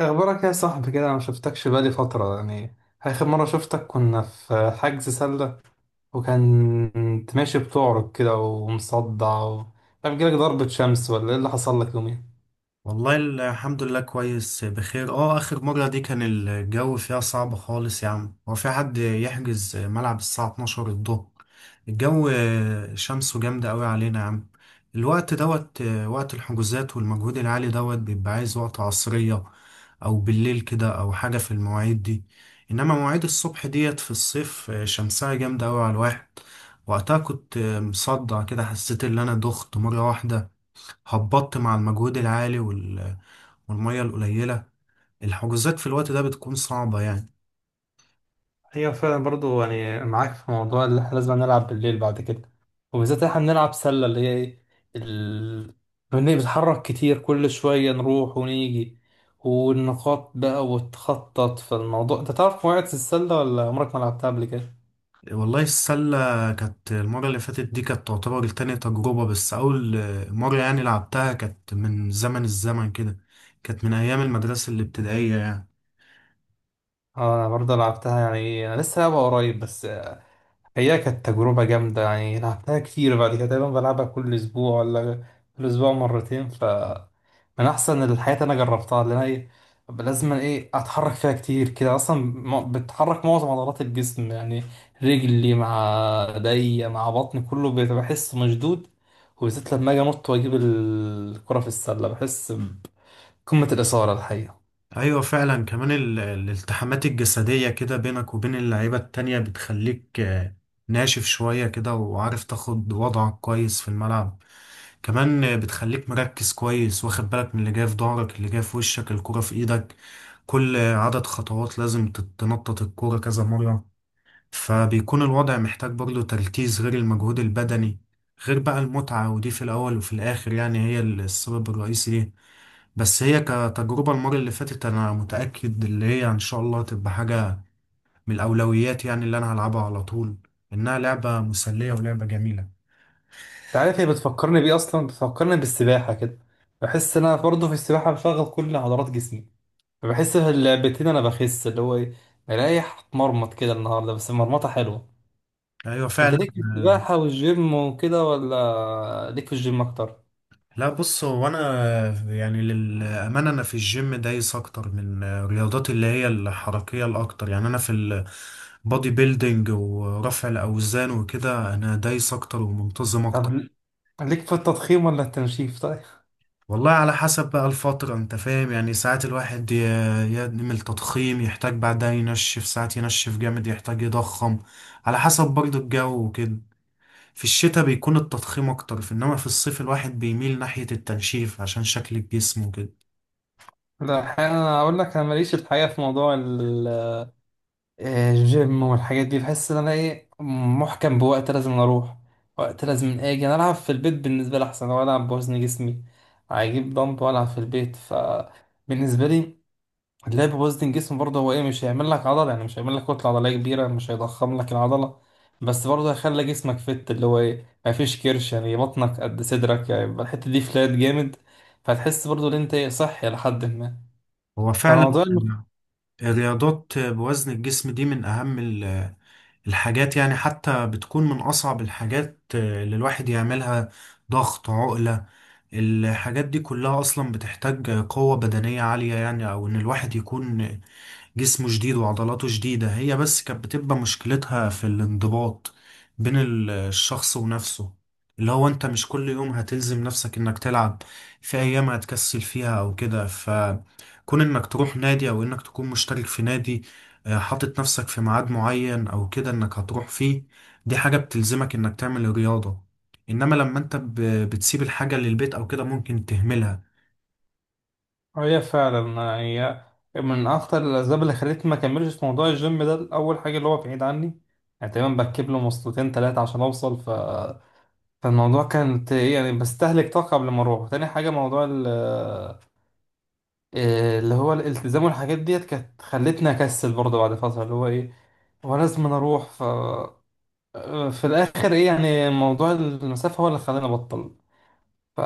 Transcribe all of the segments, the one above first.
اخبارك يا صاحبي كده، انا ما شفتكش بقالي فتره يعني. اخر مره شفتك كنا في حجز سله، وكنت ماشي بتعرج كده ومصدع كان جالك ضربه شمس ولا ايه اللي حصل لك يومين؟ والله الحمد لله كويس بخير. اه اخر مرة دي كان الجو فيها صعب خالص يا عم، هو في حد يحجز ملعب الساعة 12 الظهر؟ الجو شمسه جامدة قوي علينا يا عم. الوقت دوت، وقت الحجوزات والمجهود العالي دوت، بيبقى عايز وقت عصرية او بالليل كده او حاجة في المواعيد دي. انما مواعيد الصبح ديت في الصيف شمسها جامدة قوي على الواحد. وقتها كنت مصدع كده، حسيت ان انا دخت مرة واحدة، هبطت مع المجهود العالي والمية القليلة. الحجوزات في الوقت ده بتكون صعبة يعني. ايوه فعلا، برضو يعني معاك في موضوع اللي احنا لازم نلعب بالليل بعد كده. وبالذات احنا بنلعب سله اللي هي ايه ال... بنتحرك كتير، كل شويه نروح ونيجي والنقاط بقى وتخطط في الموضوع. انت تعرف قواعد السله ولا عمرك ما لعبتها قبل كده؟ والله السلة كانت المرة اللي فاتت دي كانت تعتبر تاني تجربة، بس أول مرة يعني لعبتها كانت من زمن الزمن كده، كانت من أيام المدرسة الابتدائية يعني. اه، انا برضه لعبتها، يعني انا لسه لعبها قريب بس. هي كانت تجربة جامدة، يعني لعبتها كتير بعد كده، دايما بلعبها كل اسبوع ولا كل اسبوع مرتين. ف من احسن الحاجات اللي انا جربتها، لان هي لازم ايه اتحرك فيها كتير كده، اصلا بتحرك معظم عضلات الجسم يعني، رجلي مع ايديا مع بطني كله بيبقى بحس مشدود. وبالذات لما اجي انط واجيب الكرة في السلة، بحس بقمة الإثارة الحقيقة. ايوه فعلا، كمان الالتحامات الجسدية كده بينك وبين اللعيبة التانية بتخليك ناشف شوية كده وعارف تاخد وضعك كويس في الملعب. كمان بتخليك مركز كويس واخد بالك من اللي جاي في ظهرك اللي جاي في وشك الكرة في ايدك. كل عدد خطوات لازم تنطط الكرة كذا مرة، فبيكون الوضع محتاج برضه تركيز غير المجهود البدني، غير بقى المتعة، ودي في الأول وفي الآخر يعني هي السبب الرئيسي ليه. بس هي كتجربة المرة اللي فاتت أنا متأكد اللي هي إن شاء الله هتبقى حاجة من الأولويات يعني، اللي أنا هلعبها على طول، إنها لعبة مسلية ولعبة جميلة. عارف هي بتفكرني بيه، اصلا بتفكرني بالسباحه كده. بحس ان انا برضه في السباحه بشغل كل عضلات جسمي، فبحس في اللعبتين انا بخس اللي هو ايه، مريح. اتمرمط كده النهارده بس مرمطه حلوه. أيوة انت فعلا. ليك في السباحه والجيم وكده ولا ليك في الجيم اكتر؟ لا بص، هو أنا يعني للأمانة أنا في الجيم دايس أكتر من الرياضات اللي هي الحركية الأكتر، يعني أنا في البودي بيلدينج ورفع الأوزان وكده أنا دايس أكتر ومنتظم طب أكتر. ليك في التضخيم ولا التنشيف طيب؟ والله على حسب بقى الفترة انت فاهم، يعني ساعات الواحد يعمل تضخيم يحتاج بعدها ينشف، ساعات ينشف جامد يحتاج يضخم، على حسب برضه الجو وكده. في الشتاء بيكون التضخيم اكتر، في انما في الصيف الواحد بيميل ناحية التنشيف عشان شكل الجسم وكده. لا، الحقيقة انا اقول لك انا ماليش الحقيقه في موضوع جيم والحاجات دي. بحس ان انا ايه محكم بوقت لازم اروح، وقت لازم اجي. انا العب في البيت بالنسبه لي احسن، لو العب بوزن جسمي هجيب دمب والعب في البيت. فبالنسبه لي اللعب بوزن جسم برضه هو ايه، مش هيعمل لك عضله، يعني مش هيعمل لك كتله عضليه كبيره، مش هيضخم لك العضله، بس برضه هيخلي جسمك فت اللي هو ايه، ما فيش كرش يعني، بطنك قد صدرك، يعني يبقى الحته دي فلات جامد. فتحس برضه ان انت ايه صحي لحد ما هو فعلا فموضوع الرياضات بوزن الجسم دي من اهم الحاجات يعني، حتى بتكون من أصعب الحاجات اللي الواحد يعملها. ضغط، عقلة، الحاجات دي كلها أصلا بتحتاج قوة بدنية عالية يعني، أو إن الواحد يكون جسمه جديد وعضلاته جديدة. هي بس كانت بتبقى مشكلتها في الانضباط بين الشخص ونفسه، اللي هو انت مش كل يوم هتلزم نفسك انك تلعب، في ايام هتكسل فيها او كده، فكون انك تروح نادي او انك تكون مشترك في نادي، حاطط نفسك في ميعاد معين او كده انك هتروح فيه، دي حاجة بتلزمك انك تعمل الرياضة. انما لما انت بتسيب الحاجة للبيت او كده ممكن تهملها. اه، هي فعلا هي من اكتر الاسباب اللي خلتني ما اكملش في موضوع الجيم ده. اول حاجه اللي هو بعيد عني، يعني تقريبا بركب له مواصلتين ثلاثه عشان اوصل فالموضوع كانت إيه يعني، بستهلك طاقه قبل ما اروح. تاني حاجه موضوع إيه اللي هو الالتزام والحاجات ديت، كانت خلتني اكسل برضه بعد فتره اللي هو ايه، هو لازم أنا اروح. ف في الاخر ايه يعني، موضوع المسافه هو اللي خلاني ابطل، ف...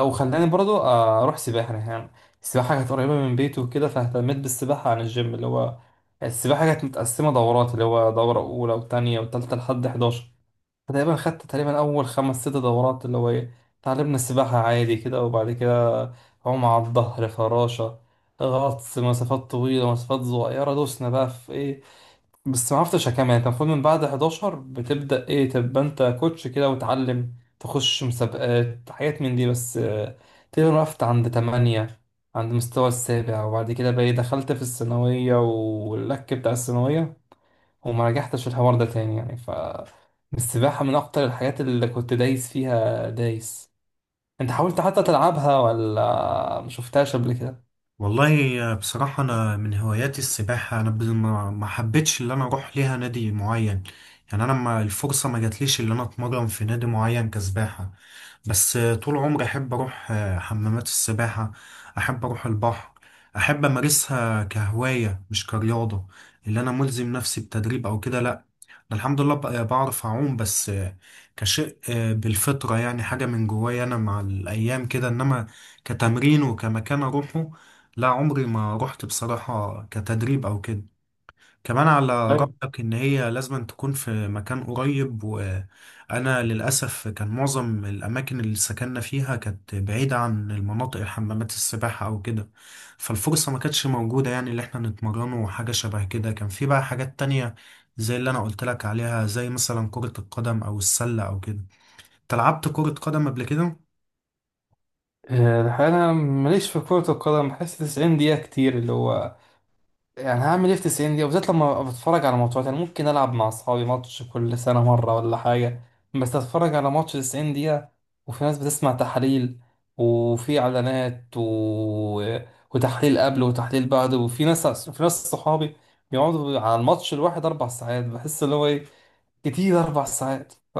وخلاني برضو اروح سباحه يعني. السباحه كانت قريبه من بيته وكده، فاهتميت بالسباحه عن الجيم. اللي هو السباحه كانت متقسمه دورات، اللي هو دوره اولى وتانية وتالتة لحد 11. فتقريبا خدت تقريبا اول خمس ست دورات، اللي هو ايه، اتعلمنا السباحه عادي كده. وبعد كده عوم على الظهر، فراشه، غطس مسافات طويله، مسافات صغيره، دوسنا بقى في ايه. بس ما عرفتش اكمل يعني، انت المفروض من بعد 11 بتبدأ ايه، تبقى انت كوتش كده وتعلم، تخش مسابقات حاجات من دي، بس تقريبا وقفت عند 8، عند مستوى السابع. وبعد كده بقى إيه، دخلت في الثانوية واللك بتاع الثانوية، وما رجعتش الحوار ده تاني يعني. ف السباحة من اكتر الحاجات اللي كنت دايس فيها دايس. انت حاولت حتى تلعبها ولا ما شفتهاش قبل كده؟ والله بصراحة أنا من هواياتي السباحة، أنا ما حبيتش إن أنا أروح ليها نادي معين يعني، أنا ما الفرصة ما جاتليش إن أنا أتمرن في نادي معين كسباحة. بس طول عمري أحب أروح حمامات السباحة، أحب أروح البحر، أحب أمارسها كهواية مش كرياضة، اللي أنا ملزم نفسي بتدريب أو كده لأ. أنا الحمد لله بعرف أعوم، بس كشيء بالفطرة يعني، حاجة من جوايا أنا مع الأيام كده، إنما كتمرين وكمكان أروحه لا، عمري ما رحت بصراحة كتدريب أو كده. كمان على طيب. رأيك إن هي لازم تكون في مكان قريب، وأنا للأسف كان معظم الأماكن اللي سكننا فيها كانت بعيدة عن المناطق الحمامات السباحة أو كده، فالفرصة ما كانتش موجودة يعني اللي إحنا نتمرن وحاجة شبه كده. كان في بقى حاجات تانية زي اللي أنا قلت لك عليها، زي مثلا كرة القدم أو السلة أو كده. أنت لعبت كرة قدم قبل كده؟ الحقيقة أنا ماليش في كرة القدم. بحس 90 دقيقة كتير، اللي هو يعني هعمل ايه في 90 دقيقة، بالذات لما بتفرج على ماتشات. يعني ممكن ألعب مع أصحابي ماتش كل سنة مرة ولا حاجة، بس أتفرج على ماتش 90 دقيقة وفي ناس بتسمع تحاليل وفي إعلانات، وتحليل قبل وتحليل بعد، وفي ناس، في ناس صحابي بيقعدوا على الماتش الواحد أربع ساعات. بحس اللي هو إيه كتير أربع ساعات. ف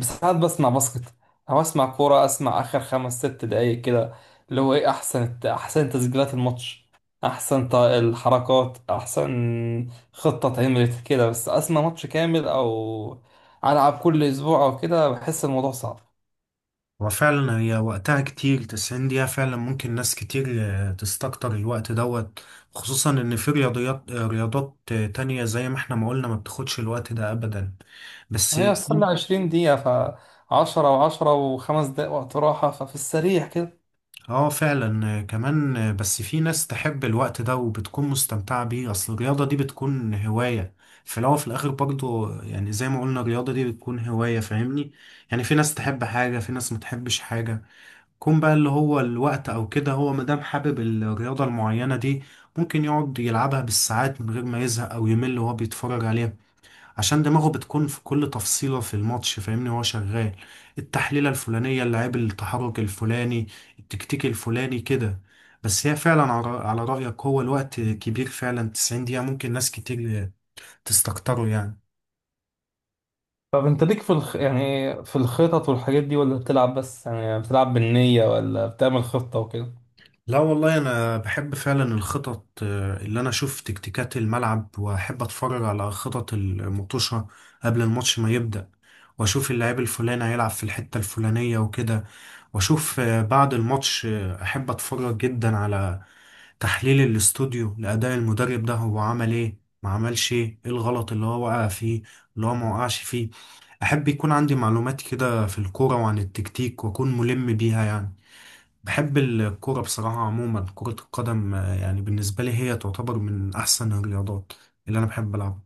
ساعات بسمع باسكت أو أسمع كورة، أسمع آخر خمس ست دقايق كده، اللي هو إيه، أحسن تسجيلات الماتش، أحسن الحركات، أحسن خطة اتعملت كده. بس أسمع ماتش كامل أو ألعب كل أسبوع أو كده بحس الموضوع صعب. وفعلا هي وقتها كتير، 90 دقيقة فعلا ممكن ناس كتير تستكتر الوقت دوت، خصوصا ان في رياضيات رياضات تانية زي ما احنا ما قلنا ما بتاخدش الوقت ده ابدا. بس هي السلة عشرين دقيقة، فعشرة وعشرة وخمس دقايق وقت راحة، ففي السريع كده. اه فعلا كمان بس في ناس تحب الوقت ده وبتكون مستمتعة بيه، اصل الرياضة دي بتكون هواية في الاول وفي الاخر برضو يعني، زي ما قلنا الرياضة دي بتكون هواية فاهمني، يعني في ناس تحب حاجة في ناس ما تحبش حاجة. كون بقى اللي هو الوقت او كده، هو مادام حابب الرياضة المعينة دي ممكن يقعد يلعبها بالساعات من غير ما يزهق او يمل وهو بيتفرج عليها، عشان دماغه بتكون في كل تفصيلة في الماتش فاهمني، وهو شغال التحليلة الفلانية، اللاعب التحرك الفلاني، التكتيك الفلاني كده. بس هي فعلا على على رأيك هو الوقت كبير فعلا، 90 دقيقة ممكن ناس كتير تستكتره يعني. طب انت ليك في يعني في الخطط والحاجات دي، ولا بتلعب بس يعني، بتلعب بالنية، ولا بتعمل خطة وكده؟ لا والله انا بحب فعلا الخطط، اللي انا اشوف تكتيكات الملعب، واحب اتفرج على خطط المطوشة قبل الماتش ما يبدأ، واشوف اللاعب الفلاني هيلعب في الحتة الفلانية وكده، واشوف بعد الماتش احب اتفرج جدا على تحليل الاستوديو لأداء المدرب، ده هو عمل ايه ما عملش ايه، ايه الغلط اللي هو وقع فيه اللي هو ما وقعش فيه. احب يكون عندي معلومات كده في الكورة وعن التكتيك واكون ملم بيها يعني. بحب الكورة بصراحة عموما، كرة القدم يعني بالنسبة لي هي تعتبر من أحسن الرياضات اللي أنا بحب ألعبها.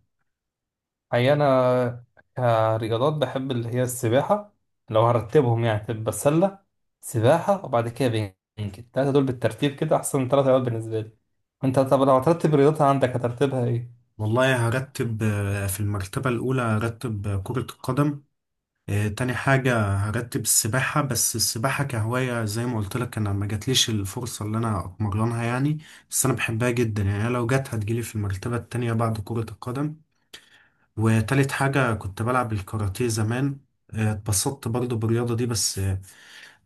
هي انا كرياضات بحب اللي هي السباحة. لو هرتبهم يعني تبقى سلة، سباحة، وبعد كده بينج. التلاتة دول بالترتيب كده احسن تلات رياضات بالنسبة لي. انت طب لو هترتب رياضتها عندك هترتبها ايه؟ والله هرتب في المرتبة الأولى هرتب كرة القدم، تاني حاجة هرتب السباحة، بس السباحة كهواية زي ما قلت لك أنا ما جاتليش الفرصة اللي أنا أتمرنها يعني، بس أنا بحبها جدا يعني، لو جت هتجيلي في المرتبة التانية بعد كرة القدم. وتالت حاجة كنت بلعب الكاراتيه زمان، اتبسطت برضه بالرياضة دي، بس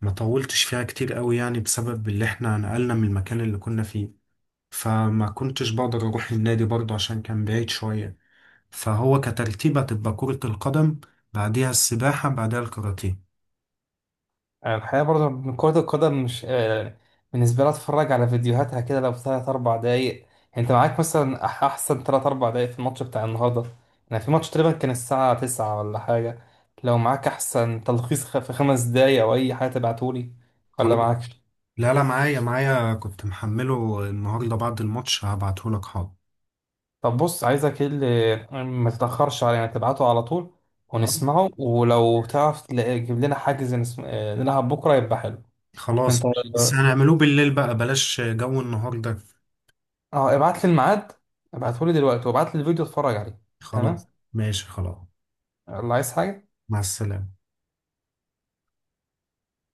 ما طولتش فيها كتير قوي يعني بسبب اللي احنا نقلنا من المكان اللي كنا فيه، فما كنتش بقدر اروح النادي برضه عشان كان بعيد شوية. فهو كترتيب هتبقى كرة القدم، بعديها السباحة، بعدها الكاراتيه. يعني الحقيقة برضه من كرة القدم مش بالنسبة لي أتفرج على فيديوهاتها كده لو تلات أربع دقايق. يعني أنت معاك مثلا أحسن تلات أربع دقايق في الماتش بتاع النهاردة. يعني في ماتش تقريبا كان الساعة تسعة ولا حاجة، لو معاك أحسن تلخيص في خمس دقايق أو أي حاجة تبعتولي، ولا خلاص. معاكش؟ لا لا، معايا معايا، كنت محمله النهاردة بعد الماتش، هبعتهولك حاضر. طب بص عايزك إيه اللي، ما تتأخرش علينا، تبعته على طول اه ونسمعه، ولو تعرف تجيب لنا حاجز نلعب بكرة يبقى حلو. أنت خلاص ماشي، بس هنعملوه بالليل بقى بلاش جو النهاردة. اه، ابعت لي الميعاد، ابعته لي دلوقتي، وابعت لي الفيديو اتفرج عليه. خلاص تمام. ماشي خلاص. الله، عايز حاجة؟ مع السلامة.